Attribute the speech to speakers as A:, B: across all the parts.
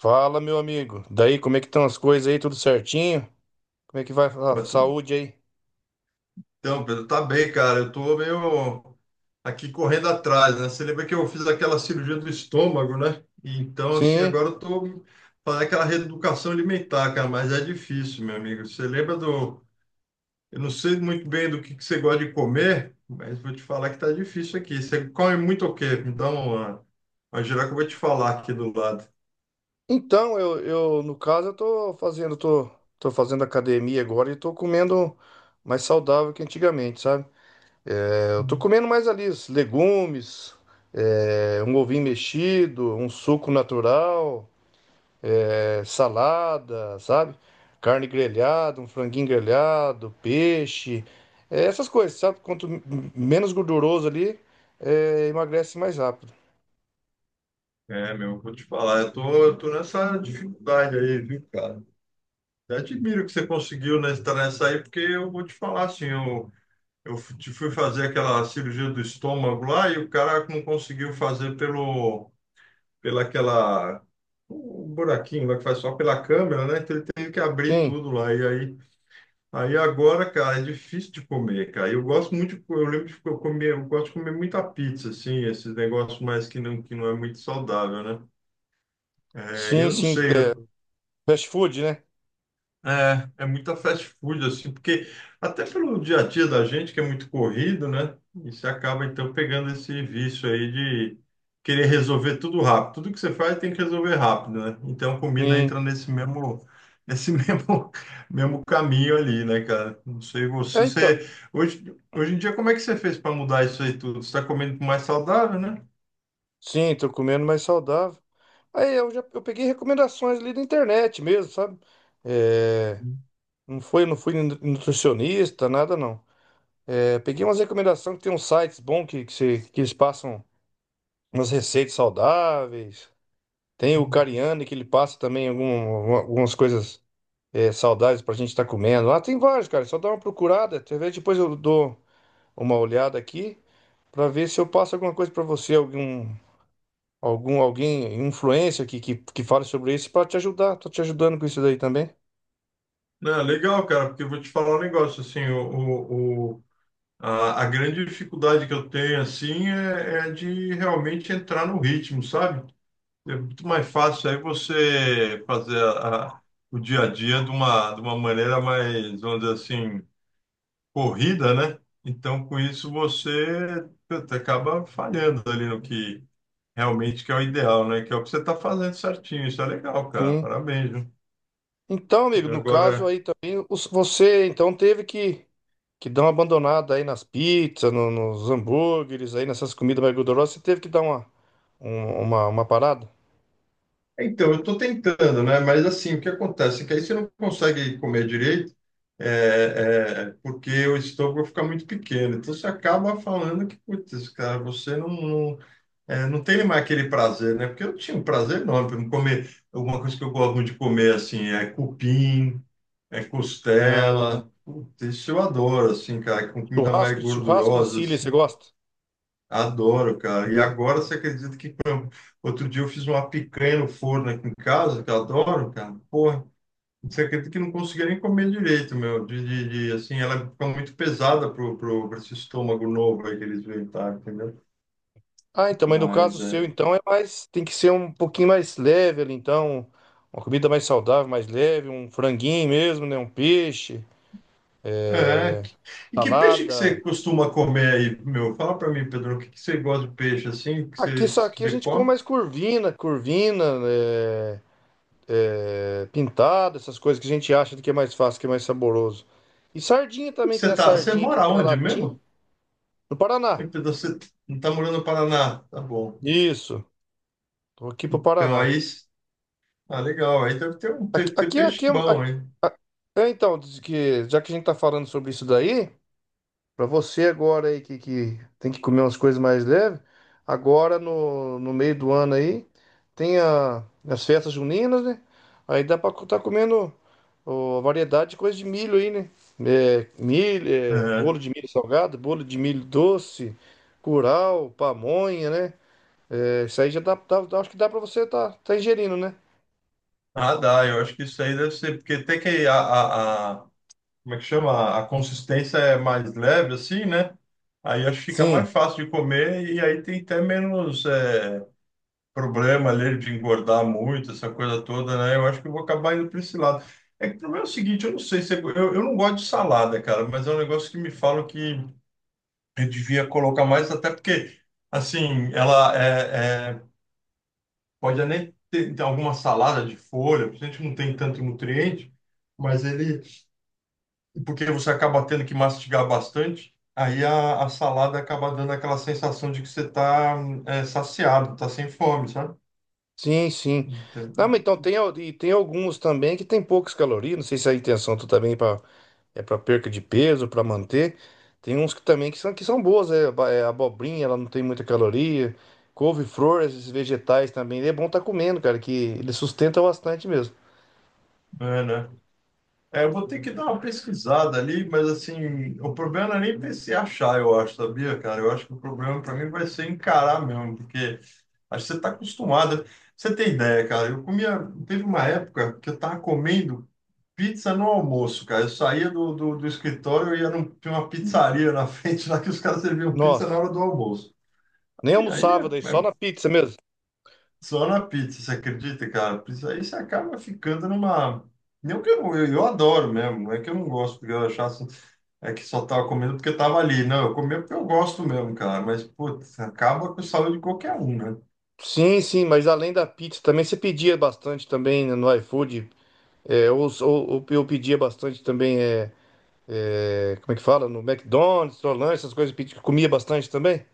A: Fala, meu amigo. Daí, como é que estão as coisas aí? Tudo certinho? Como é que vai a
B: Pô,
A: saúde aí?
B: então, Pedro, tá bem, cara. Eu tô meio aqui correndo atrás, né? Você lembra que eu fiz aquela cirurgia do estômago, né? Então, assim,
A: Sim.
B: agora eu tô fazendo aquela reeducação alimentar, cara, mas é difícil, meu amigo. Você lembra do. Eu não sei muito bem do que você gosta de comer, mas vou te falar que tá difícil aqui. Você come muito o quê? Me dá uma. Uma geral que eu vou te falar aqui do lado.
A: Então, eu no caso, eu tô tô fazendo academia agora e tô comendo mais saudável que antigamente, sabe? Eu tô comendo mais ali os legumes, um ovinho mexido, um suco natural. Salada, sabe? Carne grelhada, um franguinho grelhado, peixe, essas coisas, sabe? Menos gorduroso ali, emagrece mais rápido.
B: É, meu, vou te falar. Eu tô nessa dificuldade aí, viu, cara? Eu admiro que você conseguiu nessa aí, porque eu vou te falar assim, eu te fui fazer aquela cirurgia do estômago lá e o cara não conseguiu fazer pela aquela, um buraquinho lá que faz só pela câmera, né? Então ele teve que abrir
A: Sim,
B: tudo lá. E aí, aí agora, cara, é difícil de comer, cara. Eu gosto muito, de, eu lembro de que eu comer, eu gosto de comer muita pizza, assim, esses negócios mais que não é muito saudável, né? É,
A: sim,
B: eu não
A: sim.
B: sei, eu
A: Fast food, né?
B: é, é muita fast food, assim, porque até pelo dia a dia da gente, que é muito corrido, né? E você acaba, então, pegando esse vício aí de querer resolver tudo rápido. Tudo que você faz tem que resolver rápido, né? Então, a comida
A: Sim.
B: entra nesse mesmo, nesse mesmo, mesmo caminho ali, né, cara? Não sei
A: É,
B: você,
A: então.
B: você hoje, hoje em dia, como é que você fez para mudar isso aí tudo? Você está comendo mais saudável, né?
A: Sim, tô comendo mais saudável. Aí eu já eu peguei recomendações ali da internet mesmo, sabe? É, não foi, nutricionista, nada não. Peguei umas recomendações, que tem uns sites bons que, se- que eles passam umas receitas saudáveis. Tem o Cariani, que ele passa também algumas coisas saudáveis pra gente estar comendo. Lá tem vários, cara. Só dá uma procurada. Talvez depois eu dou uma olhada aqui pra ver se eu passo alguma coisa pra você, algum, alguém, influencer que fale sobre isso pra te ajudar. Tô te ajudando com isso daí também.
B: Não, legal, cara, porque eu vou te falar um negócio, assim, a grande dificuldade que eu tenho, assim, é, é de realmente entrar no ritmo, sabe? É muito mais fácil aí você fazer o dia a dia de uma maneira mais, vamos dizer assim, corrida, né? Então, com isso, você puta, acaba falhando ali no que realmente que é o ideal, né? Que é o que você está fazendo certinho. Isso é legal, cara.
A: Sim.
B: Parabéns, viu?
A: Então, amigo, no caso
B: Agora.
A: aí também, você então teve que dar uma abandonada aí nas pizzas, nos hambúrgueres, aí nessas comidas mais gordurosas. Você teve que dar uma, uma parada?
B: Então, eu estou tentando, né? Mas assim, o que acontece é que aí você não consegue comer direito, é, é, porque o estômago fica muito pequeno. Então você acaba falando que, putz, cara, você não, é, não tem mais aquele prazer, né? Porque eu tinha um prazer enorme para comer. Alguma coisa que eu gosto muito de comer, assim, é cupim, é
A: Ah,
B: costela. Putz, isso eu adoro, assim, cara, com comida mais
A: churrasco, churrasco em
B: gordurosa,
A: Sicília, você
B: assim.
A: gosta?
B: Adoro, cara. E agora você acredita que outro dia eu fiz uma picanha no forno aqui em casa, que eu adoro, cara. Porra, você acredita que eu não conseguia nem comer direito, meu? Assim, ela fica muito pesada pra esse estômago novo aí que eles inventaram, entendeu?
A: Ah, então, mas no caso
B: Mas
A: seu,
B: é.
A: então, é mais. Tem que ser um pouquinho mais leve ali, então. Uma comida mais saudável, mais leve, um franguinho mesmo, né? Um peixe,
B: É. E que peixe que
A: salada.
B: você costuma comer aí, meu? Fala pra mim, Pedro, o que, que você gosta de peixe assim,
A: Aqui, só
B: que
A: aqui a
B: você
A: gente come
B: come?
A: mais curvina, curvina, pintada, essas coisas que a gente acha que é mais fácil, que é mais saboroso. E sardinha também, tem
B: Você
A: a
B: tá, você
A: sardinha aqui
B: mora
A: na
B: onde
A: latim,
B: mesmo?
A: no Paraná.
B: Ei, Pedro, você não tá morando no Paraná? Tá bom.
A: Isso, tô aqui pro
B: Então
A: Paraná.
B: aí. Ah, legal. Aí deve ter um
A: Aqui,
B: ter
A: aqui,
B: peixe
A: aqui, aqui-
B: bom, hein?
A: a- então, diz que, já que a gente tá falando sobre isso daí, para você agora aí que tem que comer umas coisas mais leves, agora no meio do ano aí, tem as festas juninas, né? Aí dá para tá comendo ó, variedade de coisa de milho aí, né? É, milho, é,
B: É.
A: bolo de milho salgado, bolo de milho doce, curau, pamonha, né? É, isso aí já dá, acho que dá para você tá, tá ingerindo, né?
B: Ah, dá. Eu acho que isso aí deve ser, porque tem que como é que chama? A consistência é mais leve, assim, né? Aí acho que fica
A: Sim.
B: mais fácil de comer e aí tem até menos é, problema ali de engordar muito, essa coisa toda, né? Eu acho que eu vou acabar indo para esse lado. É que o problema é o seguinte, eu não sei se é- eu não gosto de salada, cara, mas é um negócio que me falam que eu devia colocar mais, até porque assim, ela é, é pode nem ter alguma salada de folha, porque a gente não tem tanto nutriente, mas ele, porque você acaba tendo que mastigar bastante, aí a salada acaba dando aquela sensação de que você está saciado, está sem fome, sabe?
A: Sim, sim. Não, mas
B: Entendi.
A: então tem, e tem alguns também que tem poucas calorias. Não sei se a intenção tu também é pra, é para perca de peso, para manter. Tem uns que também que são boas, é abobrinha, ela não tem muita caloria. Couve-flor, esses vegetais também. É bom tá comendo, cara, que ele sustenta bastante mesmo.
B: É, né? É, eu vou ter que dar uma pesquisada ali, mas assim, o problema não é nem se achar, eu acho, sabia, cara? Eu acho que o problema para mim vai ser encarar mesmo, porque acho que você está acostumada. Você tem ideia, cara? Eu comia, teve uma época que eu estava comendo. Pizza no almoço, cara. Eu saía do escritório e ia num, tinha uma pizzaria na frente lá que os caras serviam pizza na
A: Nossa,
B: hora do almoço.
A: nem
B: E aí
A: almoçava daí,
B: é,
A: só
B: é
A: na pizza mesmo.
B: só na pizza, você acredita, cara? Pizza, aí você acaba ficando numa. Não que eu adoro mesmo, não é que eu não gosto, porque eu achasse é que só tava comendo porque tava ali. Não, eu comia porque eu gosto mesmo, cara. Mas, putz, acaba com a saúde de qualquer um, né?
A: Sim, sim, mas além da pizza também você pedia bastante também no iFood. É, ou eu pedia bastante também. É, é, como é que fala? No McDonald's, Solange, essas coisas que comia bastante também?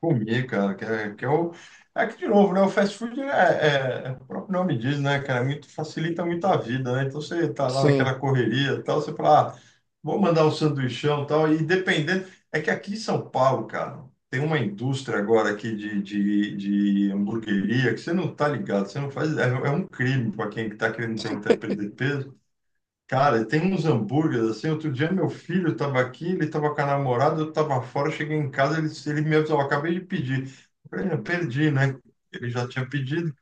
B: Comer, cara, que é o. Aqui de novo, né? O fast food é, o próprio nome diz, né, cara? É muito, facilita muito a vida, né? Então você tá lá naquela
A: Sim.
B: correria e tal, você fala, ah, vou mandar um sanduichão e tal, e dependendo. É que aqui em São Paulo, cara, tem uma indústria agora aqui de hamburgueria que você não tá ligado, você não faz. É, é um crime para quem tá querendo tentar perder peso. Cara, tem uns hambúrgueres assim. Outro dia meu filho estava aqui, ele estava com a namorada, eu estava fora, cheguei em casa, ele me avisou, "Ó, acabei de pedir." Eu falei, eu perdi, né? Ele já tinha pedido.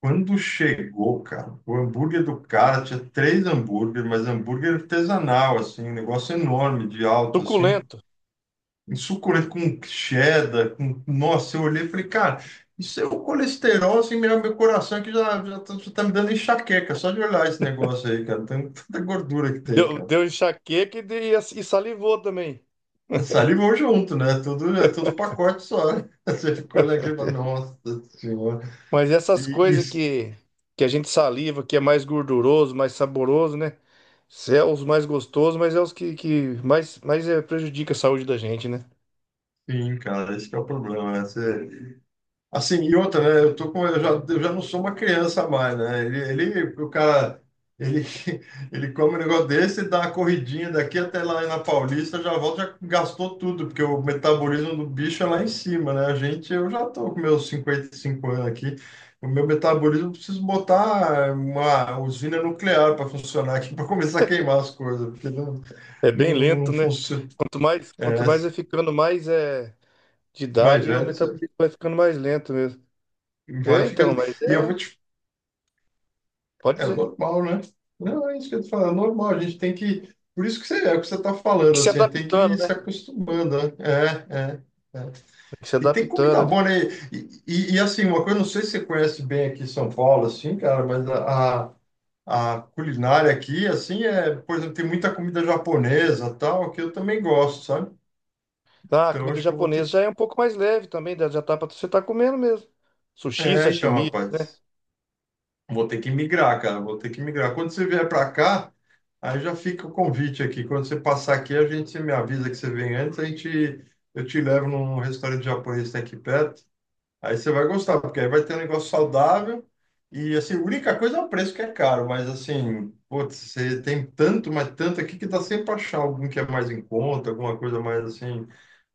B: Quando chegou, cara, o hambúrguer do cara tinha três hambúrgueres, mas hambúrguer artesanal, assim, um negócio enorme, de alto, assim,
A: Suculento.
B: um suculento com cheddar, com... Nossa, eu olhei e falei, cara, isso é o colesterol, assim, meu coração é que já, já tá me dando enxaqueca, só de olhar esse negócio aí, cara, tanta tanta gordura que tem,
A: Deu,
B: cara.
A: deu enxaqueca e, e salivou também.
B: Salivou junto, né? Tudo, é tudo pacote só. Você ficou olhando aqui e fala, nossa senhora.
A: Mas essas
B: E
A: coisas
B: isso,
A: que a gente saliva, que é mais gorduroso, mais saboroso, né? Cê é os mais gostosos, mas é os que mais, prejudica a saúde da gente, né?
B: sim, cara, esse que é o problema. Né? Você, assim, e outra, né? Eu tô com, eu já não sou uma criança mais, né? O cara, ele, ele come um negócio desse, dá uma corridinha daqui até lá na Paulista, já volta, já gastou tudo, porque o metabolismo do bicho é lá em cima, né? A gente, eu já tô com meus 55 anos aqui, o meu metabolismo, eu preciso botar uma usina nuclear para funcionar aqui, para começar a queimar as coisas, porque
A: É bem lento,
B: não
A: né?
B: funciona. É,
A: Quanto mais é ficando mais de
B: mais
A: idade, o
B: velho, você
A: metabolismo vai ficando mais lento mesmo.
B: vai
A: É, então,
B: ficando.
A: mas
B: E eu vou
A: é.
B: te
A: Pode
B: é
A: dizer.
B: normal, né? Não, é isso que eu tô falando, é normal, a gente tem que. Por isso que você, é o que você está falando,
A: Se
B: assim, tem que
A: adaptando,
B: ir
A: né?
B: se acostumando, né? É, é, é.
A: Se
B: E tem
A: adaptando
B: comida
A: ali.
B: boa, né? Assim, uma coisa, não sei se você conhece bem aqui em São Paulo, assim, cara, mas a culinária aqui, assim, é, por exemplo, tem muita comida japonesa, tal, que eu também gosto, sabe?
A: Ah, a
B: Então,
A: comida
B: acho que eu vou
A: japonesa
B: ter.
A: já é um pouco mais leve também, já já tá pra você tá comendo mesmo. Sushi,
B: É, então,
A: sashimi, né?
B: rapaz. Vou ter que migrar, cara. Vou ter que migrar. Quando você vier para cá, aí já fica o convite aqui. Quando você passar aqui, a gente você me avisa que você vem antes, a gente eu te levo num restaurante japonês que tem aqui perto. Aí você vai gostar, porque aí vai ter um negócio saudável e assim, a única coisa é o preço que é caro, mas assim, putz, você tem tanto, mas tanto aqui que dá sempre para achar algum que é mais em conta, alguma coisa mais assim,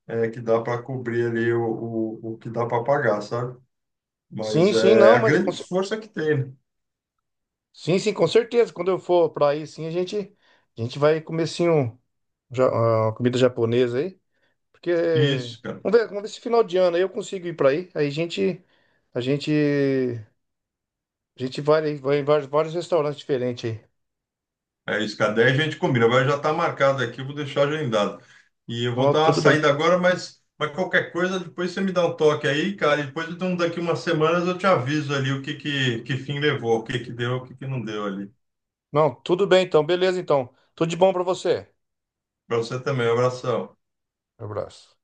B: é, que dá para cobrir ali o que dá para pagar, sabe?
A: Sim,
B: Mas
A: sim,
B: é
A: não,
B: a
A: mas
B: grande força que tem, né?
A: sim, sim, com certeza. Quando eu for pra aí, sim, a gente vai comer sim um, ah, uma comida japonesa aí, porque
B: Isso, cara.
A: vamos ver se final de ano aí eu consigo ir pra aí. Aí a gente a gente vai aí, vai em vários, vários restaurantes diferentes aí.
B: É isso, cara. Daí a gente combina. Agora já está marcado aqui, eu vou deixar agendado. E eu vou
A: Não,
B: dar uma
A: tudo bem.
B: saída agora, mas qualquer coisa, depois você me dá um toque aí, cara. E depois, então, daqui umas semanas, eu te aviso ali o que, que fim levou, o que, que deu, o que, que não deu ali.
A: Não, tudo bem então. Beleza então. Tudo de bom pra você.
B: Para você também, um abração.
A: Abraço.